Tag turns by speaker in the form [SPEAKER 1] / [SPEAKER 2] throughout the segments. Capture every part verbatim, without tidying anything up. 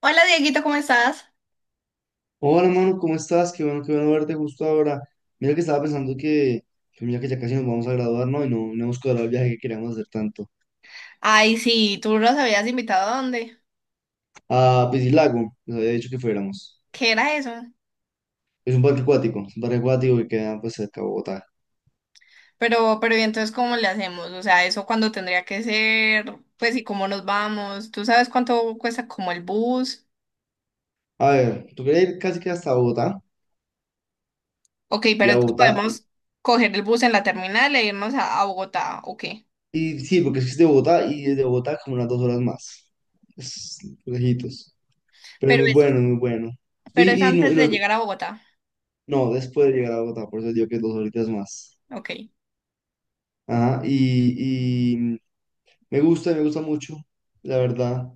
[SPEAKER 1] Hola Dieguito, ¿cómo estás?
[SPEAKER 2] Hola, mano, ¿cómo estás? Qué bueno, qué bueno verte justo ahora. Mira que estaba pensando que, que mira que ya casi nos vamos a graduar, ¿no? Y no, no hemos cuadrado el viaje que queríamos hacer tanto.
[SPEAKER 1] Ay, sí, tú los habías invitado a dónde.
[SPEAKER 2] A Piscilago, nos había dicho que fuéramos.
[SPEAKER 1] ¿Qué era eso?
[SPEAKER 2] Es un parque acuático, es un parque acuático que queda pues cerca de Bogotá.
[SPEAKER 1] Pero, pero, ¿y entonces cómo le hacemos? O sea, ¿eso cuándo tendría que ser? Pues, ¿y cómo nos vamos? ¿Tú sabes cuánto cuesta como el bus?
[SPEAKER 2] A ver, tú querías ir casi que hasta Bogotá
[SPEAKER 1] Ok,
[SPEAKER 2] y
[SPEAKER 1] pero
[SPEAKER 2] a
[SPEAKER 1] entonces
[SPEAKER 2] Bogotá. Y,
[SPEAKER 1] podemos coger el bus en la terminal e irnos a, a Bogotá, ok.
[SPEAKER 2] y sí, porque es que es de Bogotá y desde Bogotá como unas dos horas más. Es lejitos. Pero es
[SPEAKER 1] Pero
[SPEAKER 2] muy
[SPEAKER 1] es,
[SPEAKER 2] bueno, es muy bueno.
[SPEAKER 1] pero es
[SPEAKER 2] Y, y no,
[SPEAKER 1] antes
[SPEAKER 2] y
[SPEAKER 1] de
[SPEAKER 2] no,
[SPEAKER 1] llegar a Bogotá.
[SPEAKER 2] no, después de llegar a Bogotá, por eso digo que dos horitas más.
[SPEAKER 1] Ok,
[SPEAKER 2] Ajá, y, me gusta, me gusta mucho, la verdad,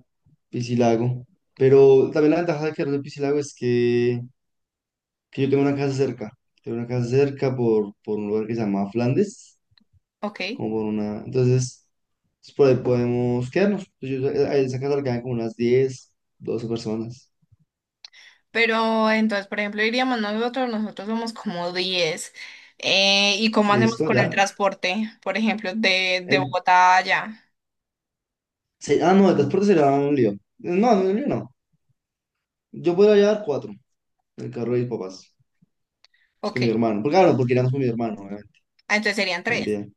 [SPEAKER 2] Piscilago. Pero también la ventaja de quedarme en Piscilago es que, que yo tengo una casa cerca. Tengo una casa cerca por, por un lugar que se llama Flandes,
[SPEAKER 1] ok.
[SPEAKER 2] como por una... entonces, pues, por ahí podemos quedarnos. Pues yo, a esa casa le caen como unas diez, doce personas.
[SPEAKER 1] Pero entonces, por ejemplo, iríamos nosotros, nosotros somos como diez. Eh, ¿y cómo hacemos
[SPEAKER 2] Listo,
[SPEAKER 1] con el
[SPEAKER 2] ya.
[SPEAKER 1] transporte, por ejemplo, de, de
[SPEAKER 2] En-
[SPEAKER 1] Bogotá a allá?
[SPEAKER 2] se- ah, no, el transporte será un lío. No, no, un lío no. Yo podría llevar cuatro, en el carro de mis papás. Pues
[SPEAKER 1] Ok,
[SPEAKER 2] con mi hermano. Porque, claro, porque iremos con mi hermano, eh,
[SPEAKER 1] ah, entonces serían tres.
[SPEAKER 2] también.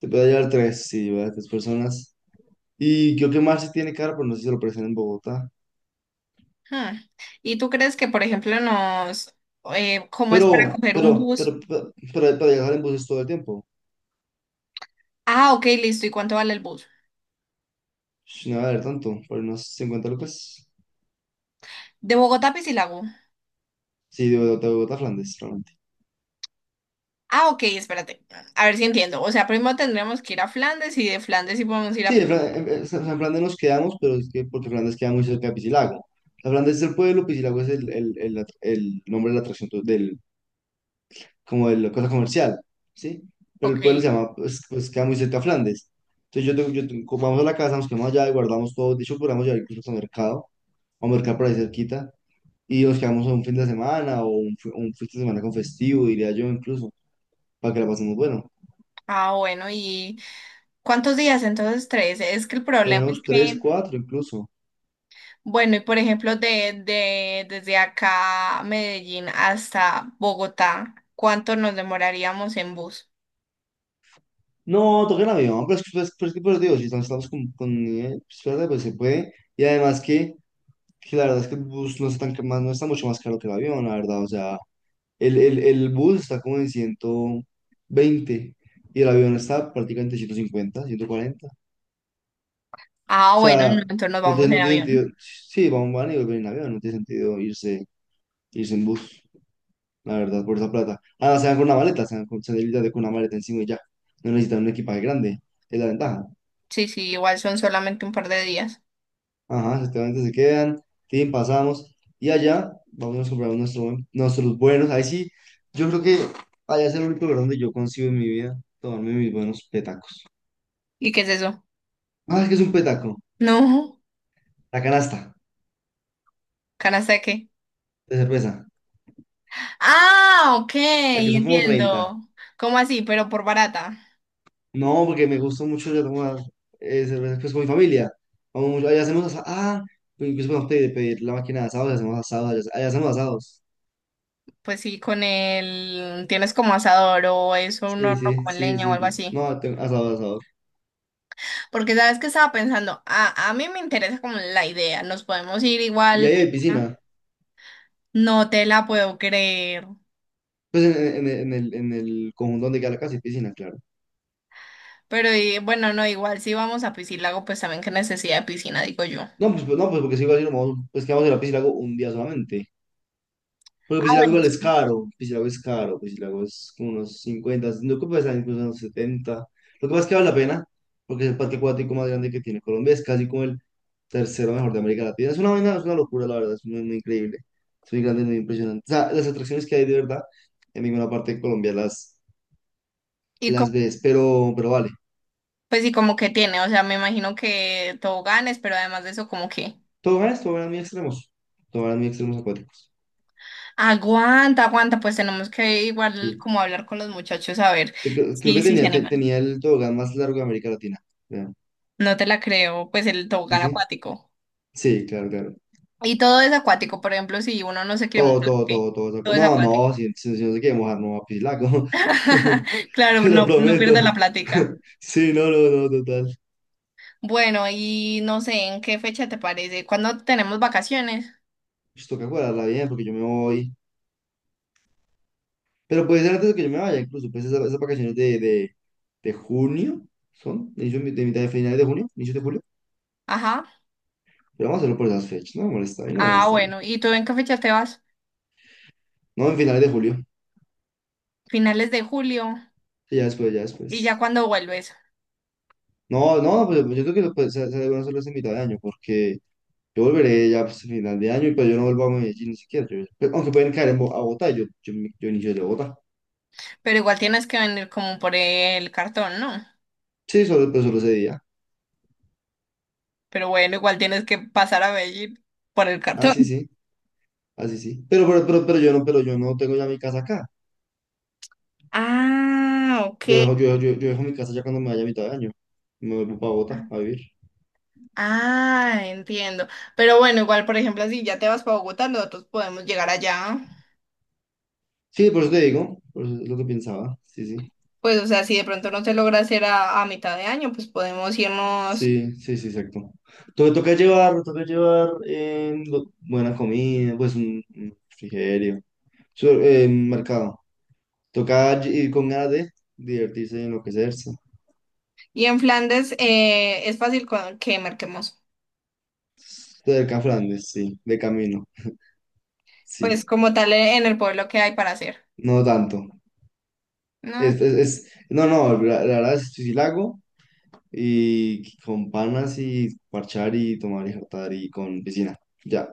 [SPEAKER 2] Te puede llevar tres, sí, ¿verdad? Tres personas. Y creo que Marcy tiene cara, pero no sé si se lo presentan en Bogotá.
[SPEAKER 1] Hmm. ¿Y tú crees que, por ejemplo, nos... eh, ¿cómo es
[SPEAKER 2] Pero,
[SPEAKER 1] para coger un
[SPEAKER 2] pero, pero,
[SPEAKER 1] bus?
[SPEAKER 2] pero, pero para viajar en buses todo el tiempo.
[SPEAKER 1] Ah, ok, listo. ¿Y cuánto vale el bus?
[SPEAKER 2] Sh, No va a haber tanto, por unos cincuenta lucas.
[SPEAKER 1] De Bogotá a Piscilago.
[SPEAKER 2] Sí, de Bogotá, de Bogotá, a Flandes, realmente.
[SPEAKER 1] Ah, ok, espérate. A ver si entiendo. O sea, primero tendríamos que ir a Flandes y de Flandes sí podemos ir
[SPEAKER 2] Sí,
[SPEAKER 1] a...
[SPEAKER 2] de
[SPEAKER 1] Pis-
[SPEAKER 2] Fla- en, en San Flandes nos quedamos, pero es que porque Flandes queda muy cerca de Piscilago. O Flandes es el pueblo, Piscilago es el, el, el, at- el nombre de la atracción tu- del, como de la cosa comercial, ¿sí? Pero el
[SPEAKER 1] Ok.
[SPEAKER 2] pueblo se llama, pues, pues queda muy cerca a Flandes. Entonces yo, tengo- yo tengo- como vamos a la casa, nos quedamos allá y guardamos todo. De hecho, podríamos llevar incluso al mercado, a un mercado por ahí cerquita, y nos quedamos un fin de semana o un, fi- un fin de semana con festivo, diría yo incluso, para que la pasemos bueno.
[SPEAKER 1] Ah, bueno, ¿y cuántos días? Entonces, tres. Es que el problema
[SPEAKER 2] Pero
[SPEAKER 1] es
[SPEAKER 2] unos tres,
[SPEAKER 1] que...
[SPEAKER 2] cuatro incluso.
[SPEAKER 1] Bueno, y por ejemplo, de, de, desde acá a Medellín hasta Bogotá, ¿cuánto nos demoraríamos en bus?
[SPEAKER 2] No, toca el avión, pero es que, pues, pero es que, pues, digo, si estamos, estamos con, con nivel, pues, espérate, pues se puede. Y además que, que la verdad es que el bus no está tan, ca- más, no está mucho más caro que el avión, la verdad, o sea, El, el, el bus está como en ciento veinte y el avión está prácticamente en ciento cincuenta, ciento cuarenta. O
[SPEAKER 1] Ah, bueno, no,
[SPEAKER 2] sea,
[SPEAKER 1] entonces nos
[SPEAKER 2] no
[SPEAKER 1] vamos
[SPEAKER 2] tiene, no
[SPEAKER 1] en
[SPEAKER 2] tiene sentido.
[SPEAKER 1] avión.
[SPEAKER 2] Sí, van, van y vuelven en avión, no tiene sentido irse, irse, en bus, la verdad, por esa plata. Ah, se van con una maleta, se van con, se van literalmente con una maleta encima y ya. No necesitan un equipaje grande, es la ventaja.
[SPEAKER 1] Sí, sí, igual son solamente un par de días.
[SPEAKER 2] Ajá, efectivamente se quedan, tin, pasamos y allá vamos a comprar nuestro, buen- nuestros buenos. Ahí sí, yo creo que allá es el único lugar donde yo consigo en mi vida tomarme mis buenos.
[SPEAKER 1] ¿Y qué es eso?
[SPEAKER 2] Ah, que es un petaco.
[SPEAKER 1] No,
[SPEAKER 2] La canasta
[SPEAKER 1] ¿canasta de qué?
[SPEAKER 2] de cerveza.
[SPEAKER 1] Ah, ok,
[SPEAKER 2] La que son como treinta.
[SPEAKER 1] entiendo. ¿Cómo así? Pero por barata.
[SPEAKER 2] No, porque me gusta mucho yo tomar, eh, cerveza pues, con mi familia. Vamos mucho. Allá hacemos asados. Ah, pues, incluso podemos pedir, pedir la máquina de asados. Hacemos asados. Allá, allá hacemos asados.
[SPEAKER 1] Pues sí, con el... Tienes como asador o es un
[SPEAKER 2] Sí,
[SPEAKER 1] horno
[SPEAKER 2] sí,
[SPEAKER 1] con
[SPEAKER 2] sí,
[SPEAKER 1] leña o
[SPEAKER 2] sí.
[SPEAKER 1] algo así.
[SPEAKER 2] No, tengo asados, asados.
[SPEAKER 1] Porque sabes que estaba pensando, a, a mí me interesa como la idea, nos podemos ir
[SPEAKER 2] Y ahí
[SPEAKER 1] igual.
[SPEAKER 2] hay piscina.
[SPEAKER 1] No te la puedo creer.
[SPEAKER 2] Pues en, en- en el, en el conjunto donde queda la casa hay piscina, claro.
[SPEAKER 1] Pero y- bueno, no, igual si vamos a Piscílago, pues también qué necesidad de piscina, digo yo.
[SPEAKER 2] No, pues, pues, no, pues porque si iba a decir, pues que vamos a ir a la piscina un día solamente. Porque
[SPEAKER 1] Ah,
[SPEAKER 2] Piscilago
[SPEAKER 1] bueno,
[SPEAKER 2] igual es
[SPEAKER 1] sí.
[SPEAKER 2] caro, Piscilago es caro, Piscilago es como unos cincuenta, no, que puede incluso unos setenta. Lo que pasa es que vale la pena, porque es el parque acuático más grande que tiene Colombia, es casi como el tercero mejor de América Latina. Es una vaina, es una locura, la verdad, es muy, muy increíble, es muy grande, muy impresionante. O sea, las atracciones que hay de verdad, en ninguna parte de Colombia las,
[SPEAKER 1] Y
[SPEAKER 2] las
[SPEAKER 1] co-
[SPEAKER 2] ves, pero, pero vale.
[SPEAKER 1] pues y como que tiene, o sea, me imagino que toboganes, pero además de eso, como que
[SPEAKER 2] Toboganes, toboganes muy extremos, toboganes muy extremos acuáticos.
[SPEAKER 1] aguanta, aguanta, pues tenemos que igual
[SPEAKER 2] Sí,
[SPEAKER 1] como hablar con los muchachos a ver
[SPEAKER 2] Te- creo creo
[SPEAKER 1] si
[SPEAKER 2] que
[SPEAKER 1] si se
[SPEAKER 2] tenía, te-
[SPEAKER 1] animan.
[SPEAKER 2] tenía el tobogán más largo de América Latina, creo.
[SPEAKER 1] No te la creo, pues el
[SPEAKER 2] Sí,
[SPEAKER 1] tobogán
[SPEAKER 2] sí.
[SPEAKER 1] acuático.
[SPEAKER 2] Sí, claro, claro.
[SPEAKER 1] Y todo es acuático, por ejemplo, si uno no se quiere mojar,
[SPEAKER 2] Todo, todo,
[SPEAKER 1] ¿qué?
[SPEAKER 2] todo, todo se acu-
[SPEAKER 1] Todo es
[SPEAKER 2] no,
[SPEAKER 1] acuático.
[SPEAKER 2] no, si, si, si no se quiere mojar, no va a pisar. Te
[SPEAKER 1] Claro,
[SPEAKER 2] lo
[SPEAKER 1] no, no pierde
[SPEAKER 2] prometo.
[SPEAKER 1] la plática.
[SPEAKER 2] Sí, no, no, no, total.
[SPEAKER 1] Bueno, y no sé, ¿en qué fecha te parece? ¿Cuándo tenemos vacaciones?
[SPEAKER 2] Pues toca guardarla bien porque yo me voy. Pero puede ser antes de que yo me vaya, incluso. Pues esas, esas vacaciones de, de, de junio son, de, inicio- de mitad de finales de junio, inicio de julio.
[SPEAKER 1] Ajá.
[SPEAKER 2] Pero vamos a hacerlo por esas fechas. No me molesta, a mí no me
[SPEAKER 1] Ah,
[SPEAKER 2] molestaría.
[SPEAKER 1] bueno, ¿y tú en qué fecha te vas?
[SPEAKER 2] No, en finales de julio.
[SPEAKER 1] Finales de julio,
[SPEAKER 2] Sí, ya después, ya
[SPEAKER 1] y ya
[SPEAKER 2] después.
[SPEAKER 1] cuando vuelves.
[SPEAKER 2] No, no, pues yo creo que lo, pues, se, se deben hacerlo en mitad de año porque. Yo volveré ya pues, a final de año, y pues yo no vuelvo a Medellín ni siquiera. Yo- pero aunque pueden caer en Bo- a Bogotá, yo, yo, me- yo inicio de Bogotá.
[SPEAKER 1] Pero igual tienes que venir como por el cartón, ¿no?
[SPEAKER 2] Sí, solo, pues, solo ese día.
[SPEAKER 1] Pero bueno, igual tienes que pasar a Medellín por el
[SPEAKER 2] Ah, sí,
[SPEAKER 1] cartón.
[SPEAKER 2] sí. Así sí, sí. Pero, pero, pero, pero yo no, pero yo no tengo ya mi casa acá.
[SPEAKER 1] Ah, ok.
[SPEAKER 2] Yo dejo, yo, yo, yo dejo mi casa ya cuando me vaya a mitad de año. Me vuelvo para Bogotá a vivir.
[SPEAKER 1] Ah, entiendo. Pero bueno, igual, por ejemplo, si ya te vas para Bogotá, nosotros podemos llegar allá.
[SPEAKER 2] Sí, por eso te digo, por eso es lo que pensaba. Sí, sí.
[SPEAKER 1] Pues, o sea, si de pronto no se logra hacer a, a mitad de año, pues podemos irnos.
[SPEAKER 2] Sí, sí, sí, exacto. Entonces toca llevar, me toca llevar eh, lo- buena comida, pues un, un refrigerio. Su- eh, mercado. Toca ir con ganas de divertirse y enloquecerse.
[SPEAKER 1] Y en Flandes eh, es fácil con- que marquemos,
[SPEAKER 2] Esto del Can Flandes, sí, de camino,
[SPEAKER 1] pues
[SPEAKER 2] sí,
[SPEAKER 1] como tal eh, en el pueblo que hay para hacer,
[SPEAKER 2] no tanto.
[SPEAKER 1] ¿no?
[SPEAKER 2] Es, es, es- no, no, la, la verdad es sí la hago y con panas y parchar y tomar y jartar y con piscina, ya.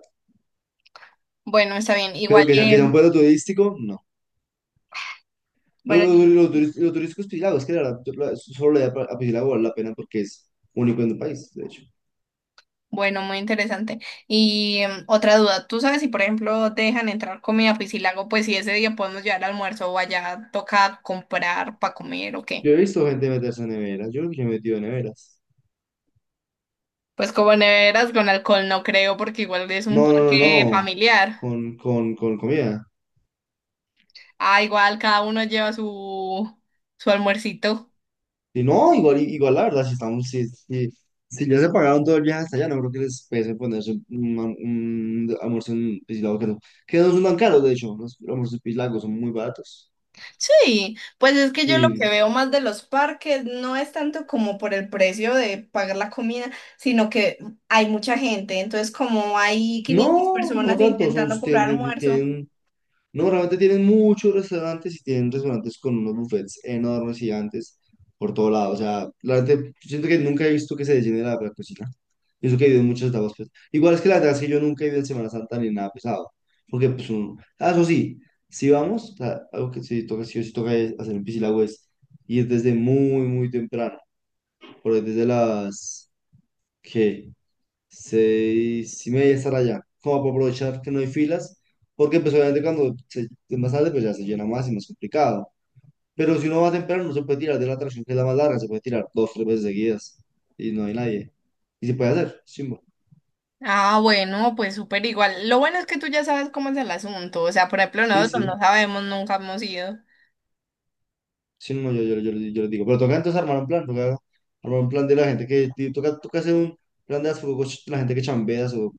[SPEAKER 1] Bueno, está bien. Igual,
[SPEAKER 2] Pero que sea, que
[SPEAKER 1] eh,
[SPEAKER 2] sea un pueblo turístico, no. Lo,
[SPEAKER 1] bueno,
[SPEAKER 2] lo,
[SPEAKER 1] y-
[SPEAKER 2] lo, turis- lo turístico es Piscilago, es que la verdad la- solo le da a Piscilago, vale la pena porque es único en el país, de hecho.
[SPEAKER 1] bueno, muy interesante. Y em, otra duda, ¿tú sabes si por ejemplo dejan entrar comida piscilago, pues si ese día podemos llevar almuerzo o allá toca comprar para comer o
[SPEAKER 2] Yo
[SPEAKER 1] qué?
[SPEAKER 2] he visto gente meterse en neveras, yo, yo he metido en neveras.
[SPEAKER 1] Pues como neveras con alcohol no creo, porque igual es
[SPEAKER 2] No,
[SPEAKER 1] un
[SPEAKER 2] no, no,
[SPEAKER 1] parque
[SPEAKER 2] no,
[SPEAKER 1] familiar.
[SPEAKER 2] con, con, con comida.
[SPEAKER 1] Ah, igual cada uno lleva su su almuercito.
[SPEAKER 2] Y no, igual, igual la verdad, si estamos, si, si, si ya se pagaron todo el viaje hasta allá, no creo que les pese ponerse un, un almuerzo en Piscilago, que no, que no son tan caros, de hecho, los almuerzos en Piscilago son muy baratos.
[SPEAKER 1] Sí, pues es que yo lo que
[SPEAKER 2] Y
[SPEAKER 1] veo más de los parques no es tanto como por el precio de pagar la comida, sino que hay mucha gente, entonces como hay quinientas
[SPEAKER 2] no, no
[SPEAKER 1] personas
[SPEAKER 2] tanto, son,
[SPEAKER 1] intentando
[SPEAKER 2] tienen,
[SPEAKER 1] comprar
[SPEAKER 2] tienen,
[SPEAKER 1] almuerzo.
[SPEAKER 2] tienen no, realmente tienen muchos restaurantes y tienen restaurantes con unos buffets enormes, gigantes, por todo lado. O sea, realmente yo siento que nunca he visto que se llene la, la cocina. Y eso que he ido en muchas etapas, pues. Igual es que la verdad es que yo nunca he ido en Semana Santa ni nada pesado. Porque, pues, uno... ah, eso sí, si vamos, o sea, algo que sí toca, sí o sí toca es hacer en Piscilagüe es ir desde muy, muy temprano. Por ahí desde las, ¿qué?, seis y media estar allá, como para aprovechar que no hay filas, porque pues obviamente cuando se, más tarde pues ya se llena más y más complicado. Pero si uno va temprano no se puede tirar de la atracción que es la más larga, se puede tirar dos, tres veces seguidas y no hay nadie. Y se puede hacer, chimbo.
[SPEAKER 1] Ah, bueno, pues súper igual. Lo bueno es que tú ya sabes cómo es el asunto. O sea, por ejemplo,
[SPEAKER 2] Sí,
[SPEAKER 1] nosotros no
[SPEAKER 2] sí,
[SPEAKER 1] sabemos, nunca hemos ido.
[SPEAKER 2] sí, no, no, yo, yo, yo, yo lo digo. Pero toca entonces armar un plan, toca armar un plan de la gente que, y toca, toca hacer un plan de las, la gente que chambea, o,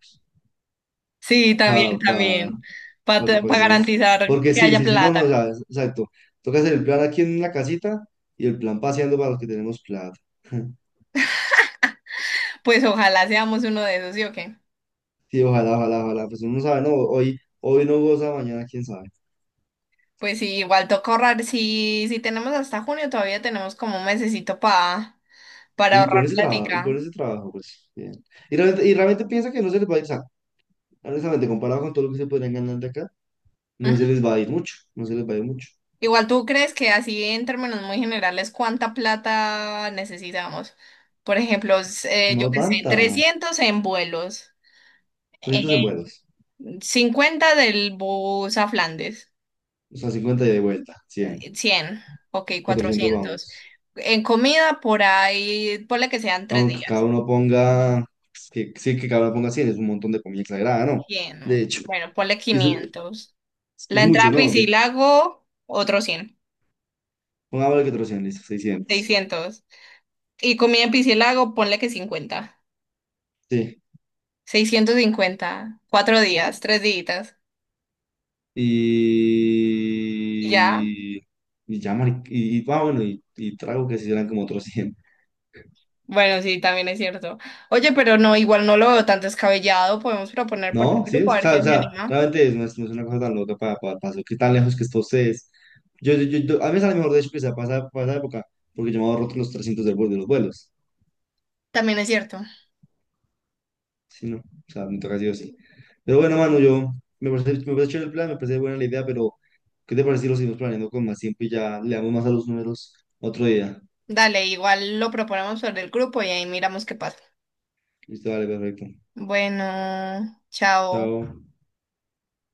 [SPEAKER 1] Sí,
[SPEAKER 2] para
[SPEAKER 1] también, también. Para
[SPEAKER 2] Para que, para que tengamos.
[SPEAKER 1] garantizar
[SPEAKER 2] Porque
[SPEAKER 1] que
[SPEAKER 2] sí,
[SPEAKER 1] haya
[SPEAKER 2] sí, sí, no, no, o
[SPEAKER 1] plata.
[SPEAKER 2] sea, exacto. Toca hacer el plan aquí en la casita y el plan paseando para los que tenemos plata.
[SPEAKER 1] Pues ojalá seamos uno de esos, ¿sí o qué?
[SPEAKER 2] Sí, ojalá, ojalá, ojalá. Pues uno no sabe, no, hoy, hoy no goza, mañana quién sabe.
[SPEAKER 1] Pues sí, igual toca ahorrar. Si, si tenemos hasta junio, todavía tenemos como un mesecito pa- para
[SPEAKER 2] Y con
[SPEAKER 1] ahorrar
[SPEAKER 2] ese trabajo, y con
[SPEAKER 1] plática.
[SPEAKER 2] ese trabajo, pues bien. Y realmente, y realmente piensa que no se les va a ir, o sea, honestamente, comparado con todo lo que se podrían ganar de acá, no se
[SPEAKER 1] Ujú.
[SPEAKER 2] les va a ir mucho, no se les va a ir mucho.
[SPEAKER 1] Igual tú crees que así en términos muy generales, ¿cuánta plata necesitamos? Por ejemplo, s- eh, yo
[SPEAKER 2] No
[SPEAKER 1] qué sé,
[SPEAKER 2] tanta.
[SPEAKER 1] trescientos en vuelos,
[SPEAKER 2] trescientos en
[SPEAKER 1] eh,
[SPEAKER 2] vuelos,
[SPEAKER 1] cincuenta del bus a Flandes,
[SPEAKER 2] o sea, cincuenta y de vuelta, cien,
[SPEAKER 1] eh, cien 100, ok,
[SPEAKER 2] cuatrocientos
[SPEAKER 1] cuatrocientos.
[SPEAKER 2] vamos.
[SPEAKER 1] En comida por ahí, ponle que sean tres
[SPEAKER 2] Aunque cada
[SPEAKER 1] días,
[SPEAKER 2] uno ponga, que, sí, que cada uno ponga cien, es un montón de comida exagerada, ¿no?
[SPEAKER 1] cien,
[SPEAKER 2] De hecho,
[SPEAKER 1] bueno, ponle
[SPEAKER 2] y eso es,
[SPEAKER 1] quinientos.
[SPEAKER 2] es
[SPEAKER 1] La entrada
[SPEAKER 2] mucho,
[SPEAKER 1] a
[SPEAKER 2] ¿no? De,
[SPEAKER 1] Piscilago, otro cien,
[SPEAKER 2] pongámosle que trescientos, listo, seiscientos.
[SPEAKER 1] seiscientos. Y comida en Piscilago, ponle que cincuenta,
[SPEAKER 2] Sí.
[SPEAKER 1] seiscientos cincuenta, cuatro días, tres días. Ya,
[SPEAKER 2] Y... Y ya, mari- y, y, ah, bueno, y, y trago que si serán como otros cien.
[SPEAKER 1] bueno, sí, también es cierto. Oye, pero no, igual no lo veo tan descabellado. Podemos proponer por el
[SPEAKER 2] ¿No? ¿Sí
[SPEAKER 1] grupo a
[SPEAKER 2] es? O
[SPEAKER 1] ver
[SPEAKER 2] sea, o
[SPEAKER 1] quién se
[SPEAKER 2] sea,
[SPEAKER 1] anima.
[SPEAKER 2] realmente es- no es, no es una cosa tan loca para, para, para lo que tan lejos que esto se es. Yo, yo, yo, yo- a mí me sale mejor, de hecho, que sea para, esa- para esa época, porque yo me ahorro los trescientos del vuelo- de los vuelos.
[SPEAKER 1] También es cierto.
[SPEAKER 2] Sí, no, o sea, me toca sí o sí. Pero bueno, mano, yo me parece, me parece chévere el plan, me parece buena la idea, pero ¿qué te parece si lo seguimos planeando con más tiempo y ya le damos más a los números otro día?
[SPEAKER 1] Dale, igual lo proponemos por el grupo y ahí miramos qué pasa.
[SPEAKER 2] Listo, vale, perfecto.
[SPEAKER 1] Bueno, chao.
[SPEAKER 2] Chao.